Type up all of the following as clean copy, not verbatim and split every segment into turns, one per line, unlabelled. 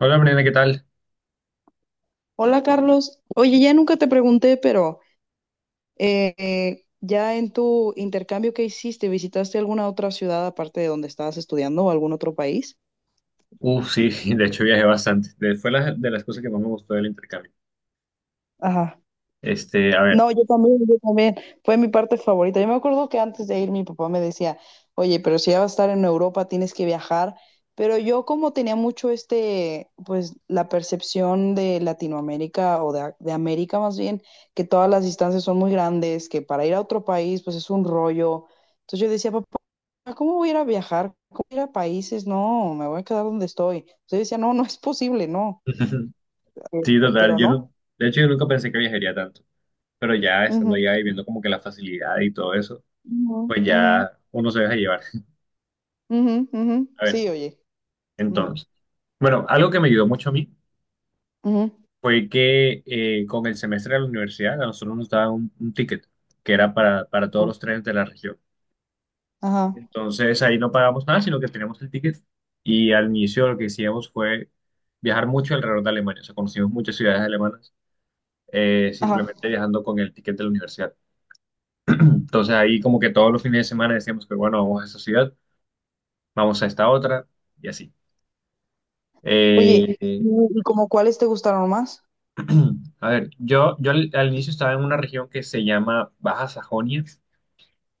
Hola, Mariana, ¿qué tal?
Hola Carlos, oye, ya nunca te pregunté, pero ya en tu intercambio que hiciste, ¿visitaste alguna otra ciudad aparte de donde estabas estudiando o algún otro país?
Uf, sí, de hecho viajé bastante. De las cosas que más me gustó del intercambio.
Ajá.
Este, a ver.
No, yo también, yo también. Fue mi parte favorita. Yo me acuerdo que antes de ir mi papá me decía, oye, pero si ya vas a estar en Europa, tienes que viajar. Pero yo como tenía mucho este, pues la percepción de Latinoamérica o de América más bien, que todas las distancias son muy grandes, que para ir a otro país, pues es un rollo. Entonces yo decía, papá, ¿cómo voy a ir a viajar? ¿Cómo voy a ir a países? No, me voy a quedar donde estoy. Entonces yo decía, no, no es posible, no.
Sí, total,
Pero
yo
no.
no, de hecho yo nunca pensé que viajaría tanto, pero ya estando
Ujú,
allá y viendo como que la facilidad y todo eso,
ujú,
pues
ujú.
ya uno se deja llevar.
Ujú, ujú.
A ver,
Sí, oye. Ujú,
entonces, bueno, algo que me ayudó mucho a mí
ujú,
fue que con el semestre de la universidad a nosotros nos daban un ticket que era para todos
ujú.
los trenes de la región.
Ajá,
Entonces ahí no pagamos nada, sino que teníamos el ticket y al inicio lo que hicimos fue viajar mucho alrededor de Alemania, o sea, conocimos muchas ciudades alemanas
ajá.
simplemente viajando con el ticket de la universidad. Entonces ahí como que todos los fines de semana decíamos que bueno, vamos a esta ciudad, vamos a esta otra y así. Eh,
Oye,
eh,
¿y como cuáles te gustaron más?
a ver, yo al inicio estaba en una región que se llama Baja Sajonia,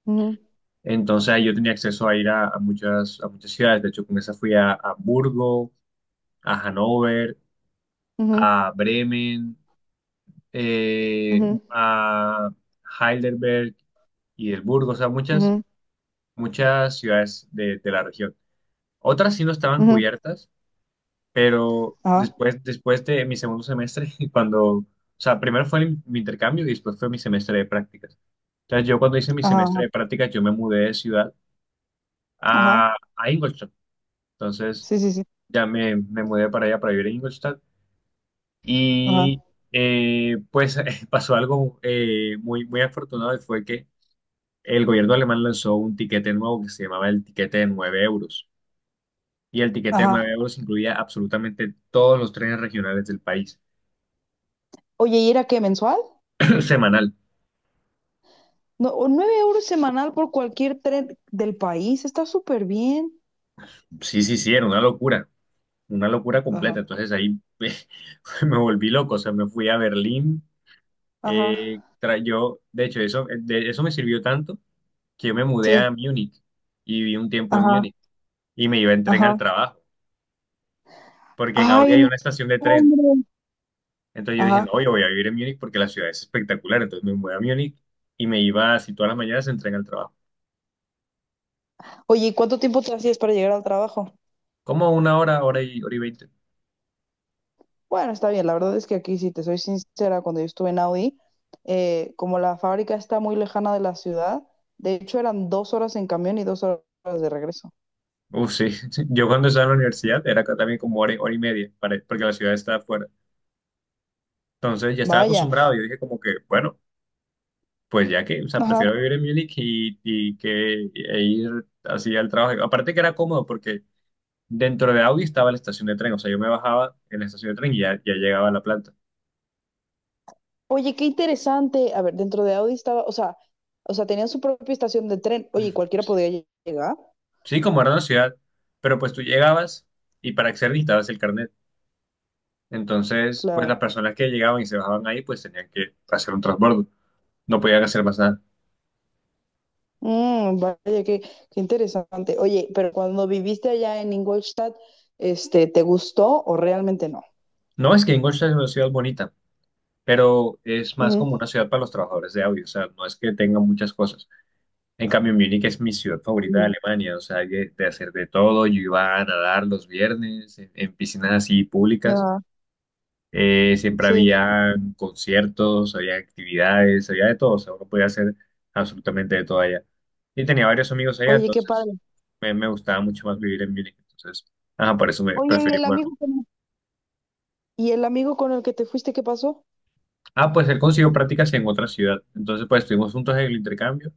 Ujú,
entonces ahí yo tenía acceso a ir a muchas ciudades, de hecho con esa fui a Hamburgo, a Hannover,
ujú,
a Bremen,
ujú,
a Heidelberg y el Burgo, o sea, muchas,
ujú,
muchas ciudades de la región. Otras sí no estaban
ujú.
cubiertas, pero
Ajá,
después, después de mi segundo semestre, cuando, o sea, primero fue mi intercambio y después fue mi semestre de prácticas. Entonces yo cuando hice mi
ajá, ajá.
semestre de prácticas, yo me mudé de ciudad a Ingolstadt. Entonces
Sí, sí, sí.
ya me mudé para allá, para vivir en Ingolstadt.
Ajá,
Y pues pasó algo muy, muy afortunado y fue que el gobierno alemán lanzó un tiquete nuevo que se llamaba el tiquete de 9 euros. Y el tiquete de 9
ajá.
euros incluía absolutamente todos los trenes regionales del país.
Oye, ¿y era qué, mensual?
Semanal.
No, o 9 euros semanal por cualquier tren del país. Está súper bien.
Sí, sí, sí, era una locura
Ajá,
completa. Entonces ahí me volví loco, o sea, me fui a Berlín.
ajá.
Tra- yo, de hecho, eso, de- Eso me sirvió tanto que yo me mudé a
Sí,
Múnich y viví un tiempo en
ajá,
Múnich y me iba en tren al
ajá.
trabajo, porque en Audi
Ay,
hay
no,
una estación de tren.
hombre.
Entonces yo dije,
Ajá.
no, yo voy a vivir en Múnich porque la ciudad es espectacular. Entonces me voy a Múnich y me iba así todas las mañanas en tren al trabajo.
Oye, ¿y cuánto tiempo te hacías para llegar al trabajo?
Como una hora, hora y 20.
Bueno, está bien, la verdad es que aquí, si te soy sincera, cuando yo estuve en Audi, como la fábrica está muy lejana de la ciudad, de hecho eran 2 horas en camión y 2 horas de regreso.
Uf, sí. Yo cuando estaba en la universidad era acá también como hora y media, porque la ciudad estaba afuera. Entonces ya estaba
Vaya,
acostumbrado. Yo dije como que, bueno, pues ya que, o sea,
ajá.
prefiero vivir en Múnich y que e ir así al trabajo. Aparte que era cómodo porque dentro de Audi estaba la estación de tren. O sea, yo me bajaba en la estación de tren y ya, ya llegaba a la planta.
Oye, qué interesante. A ver, dentro de Audi estaba, o sea, tenían su propia estación de tren. Oye, ¿y cualquiera podía llegar,
Sí, como era una ciudad, pero pues tú llegabas y para acceder necesitabas el carnet. Entonces, pues
claro.
las personas que llegaban y se bajaban ahí, pues tenían que hacer un transbordo. No podían hacer más nada.
Mm, vaya, qué, qué interesante. Oye, pero cuando viviste allá en Ingolstadt, este, ¿te gustó o realmente no?
No es que Ingolstadt es una ciudad bonita, pero es más
Ujú.
como una ciudad para los trabajadores de audio. O sea, no es que tenga muchas cosas. En cambio, Múnich es mi ciudad favorita de
Ujú.
Alemania. O sea, hay de hacer de todo. Yo iba a nadar los viernes en piscinas así públicas.
Ajá,
Siempre
sí.
había conciertos, había actividades, había de todo, o sea, uno podía hacer absolutamente de todo allá. Y tenía varios amigos allá,
Oye, qué
entonces
padre.
me gustaba mucho más vivir en Múnich, entonces, ajá, por eso me
Oye, ¿y
preferí
el amigo
mudarme.
con, y el amigo con el que te fuiste, qué pasó?
Ah, pues él consiguió prácticas en otra ciudad, entonces pues estuvimos juntos en el intercambio,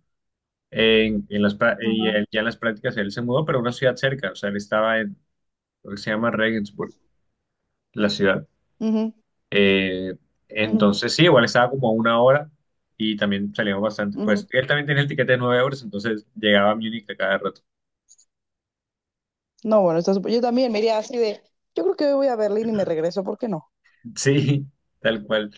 en las, prá- y
Ajá.
él- ya en las prácticas él se mudó, pero a una ciudad cerca, o sea, él estaba en lo que se llama Regensburg, la ciudad.
Ujú,
Eh,
ujú,
entonces, sí, igual estaba como a una hora y también salíamos bastante. Pues
ujú.
él también tenía el tiquete de 9 euros, entonces llegaba a Múnich a cada rato.
No, bueno, está súper- Yo también me iría así de, yo creo que hoy voy a Berlín y me regreso, ¿por qué no?
Sí, tal cual.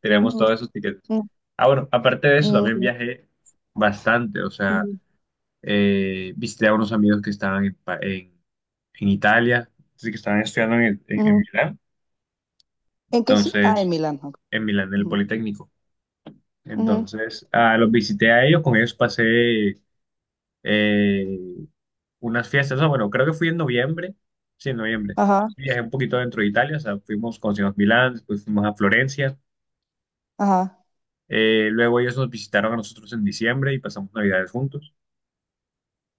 Teníamos
Mm,
todos esos tiquetes.
Mm,
Ah, bueno, aparte de eso,
mm,
también
sí,
viajé bastante. O sea,
ujú,
visité a unos amigos que estaban en Italia, sí, que estaban estudiando en
ujú.
Milán.
¿En qué? Ah, en
Entonces,
Milán. Ok.
en Milán, en el
Ujú,
Politécnico.
ujú.
Entonces, ah, los visité a ellos, con ellos pasé eh, unas fiestas. No, bueno, creo que fui en noviembre. Sí, en noviembre.
Ajá,
Viajé un poquito dentro de Italia, o sea, fuimos, conocimos Milán, después fuimos a Florencia.
ajá.
Luego ellos nos visitaron a nosotros en diciembre y pasamos Navidades juntos.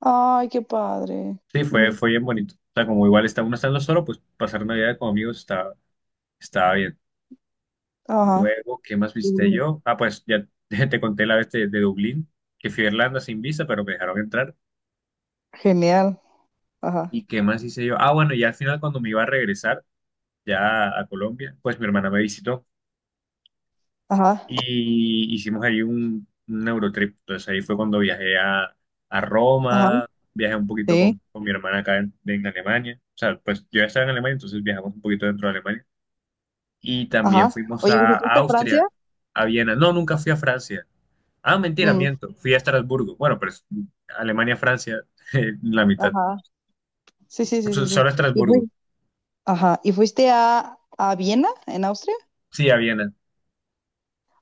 Ay, qué padre.
Sí, fue,
Ujú,
fue bien bonito. O sea, como igual está, uno estando solo, pues pasar Navidad con amigos estaba, estaba bien.
Ajá.
Luego, ¿qué más visité
Sí.
yo? Ah, pues ya te conté la vez de Dublín, que fui a Irlanda sin visa, pero me dejaron entrar.
Genial. Ajá,
¿Y qué más hice yo? Ah, bueno, ya al final cuando me iba a regresar ya a Colombia, pues mi hermana me visitó.
ajá,
Y hicimos ahí un Eurotrip. Entonces ahí fue cuando viajé a
ajá,
Roma, viajé un poquito
sí,
con mi hermana acá en Alemania. O sea, pues yo ya estaba en Alemania, entonces viajamos un poquito dentro de Alemania. Y también
ajá.
fuimos
Oye,
a
¿visitaste Francia?
Austria, a Viena. No, nunca fui a Francia. Ah, mentira,
Mm,
miento. Fui a Estrasburgo. Bueno, pero es Alemania, Francia, la mitad.
ajá. Sí, sí, sí, sí, sí.
Solo a
Y
Estrasburgo.
fuiste Ajá. ¿Y fuiste a Viena, en Austria?
Sí, a Viena.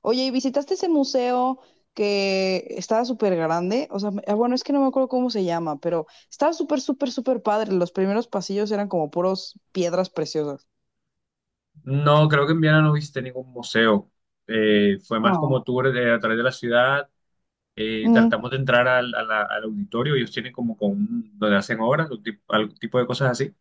Oye, ¿y visitaste ese museo que estaba súper grande? O sea, me- ah, bueno, es que no me acuerdo cómo se llama, pero estaba súper, súper, súper padre. Los primeros pasillos eran como puros piedras preciosas.
No, creo que en Viena no visité ningún museo. Fue más
Oh.
como tour a través de la ciudad,
Mm,
tratamos de entrar al, al auditorio, ellos tienen como con donde hacen obras, algún tipo de cosas así.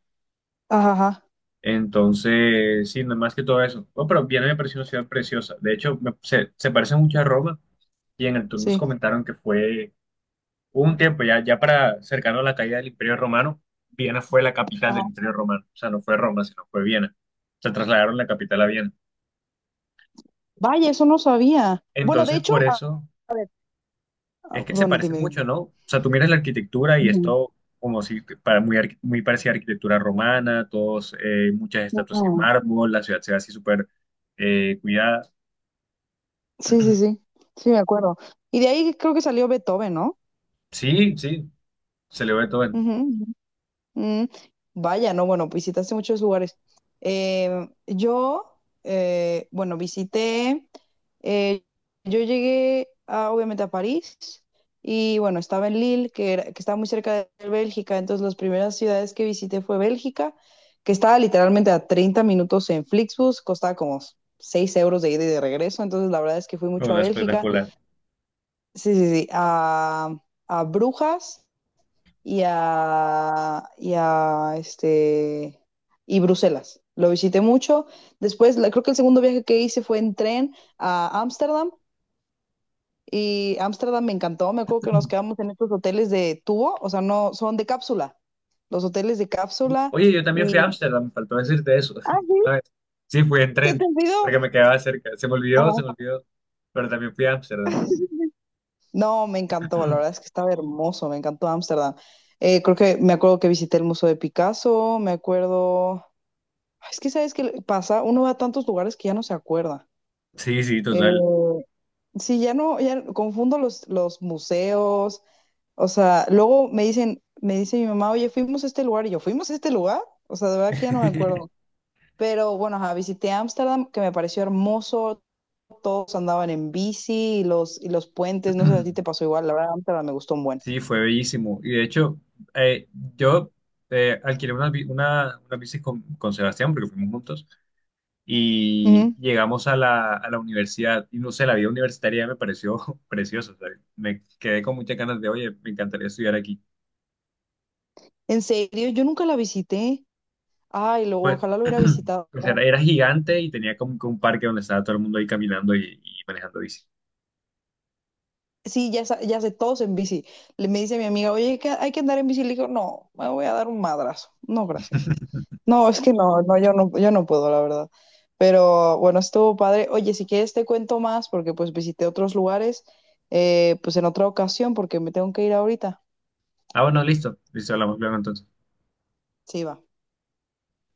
ajá, ajá,
Entonces, sí, no más que todo eso. Bueno, pero Viena me pareció una ciudad preciosa. De hecho, se, se parece mucho a Roma y en el tour nos
sí.
comentaron que fue hubo un tiempo ya, ya para cercano a la caída del Imperio Romano, Viena fue la capital
Ajá.
del Imperio Romano. O sea, no fue Roma, sino fue Viena. Se trasladaron la capital a Viena.
Vaya, eso no sabía. Bueno, de
Entonces,
hecho,
por
ah,
eso es
ah,
que se
bueno,
parece
dime,
mucho,
dime.
¿no? O sea, tú miras la arquitectura y es
Mm,
todo como si para muy, muy parecida a arquitectura romana, todos, muchas estatuas en
no.
mármol, la ciudad se ve así súper cuidada.
Sí, sí, sí. Sí, me acuerdo. Y de ahí creo que salió Beethoven, no.
Sí, sí, se le ve todo
Ujú. Mm, vaya, no, bueno, visitaste muchos lugares. Eh, yo, bueno, visité, eh, yo llegué a, obviamente a París y bueno, estaba en Lille, que, que está muy cerca de Bélgica, entonces las primeras ciudades que visité fue Bélgica, que estaba literalmente a 30 minutos en Flixbus, costaba como 6 euros de ida y de regreso, entonces la verdad es que fui
en
mucho a
la
Bélgica,
espectacular.
sí, sí, sí, a Brujas y a y Bruselas. Lo visité mucho. Después, creo que el segundo viaje que hice fue en tren a Ámsterdam y Ámsterdam me encantó. Me acuerdo que nos quedamos en estos hoteles de tubo, o sea, no son de cápsula, los hoteles de
Uf.
cápsula
Oye, yo también fui a
y
Ámsterdam, me faltó decirte eso.
ah, sí,
Una vez. Sí, fui en
se te
tren, porque
olvidó.
me quedaba cerca.
Ajá.
Se me olvidó, pero también fui a Ámsterdam.
No, me encantó, la verdad es que estaba hermoso, me encantó Ámsterdam. Creo que me acuerdo que visité el Museo de Picasso, me acuerdo. Es que sabes que pasa, uno va a tantos lugares que ya no se acuerda.
Sí, sí, total.
Eh, sí, ya no, ya confundo los museos. O sea, luego me dicen, me dice mi mamá, oye, fuimos a este lugar y yo, ¿fuimos a este lugar? O sea, de verdad que ya no me acuerdo. Pero bueno, ajá, visité Ámsterdam, que me pareció hermoso, todos andaban en bici y los puentes, no sé si a ti te pasó igual, la verdad, Ámsterdam me gustó un buen.
Sí, fue bellísimo. Y de hecho, eh, yo alquilé una bici con Sebastián, porque fuimos juntos, y
Ujú.
llegamos a la universidad. Y no sé, la vida universitaria me pareció preciosa. O Me quedé con muchas ganas de, oye, me encantaría estudiar aquí.
En serio, yo nunca la visité. Ay, lo,
Pues,
ojalá lo hubiera visitado.
o sea, era gigante y tenía como que un parque donde estaba todo el mundo ahí caminando y manejando bici.
Sí, ya, ya sé, todos en bici. Le me dice mi amiga, oye, que hay que andar en bici. Le digo, no, me voy a dar un madrazo. No, gracias. No, es que no, no, yo no puedo, la verdad. Pero bueno, estuvo padre. Oye, si quieres te cuento más, porque pues visité otros lugares, pues en otra ocasión, porque me tengo que ir ahorita.
Ah, bueno, listo. Listo, hablamos luego entonces.
Sí, va.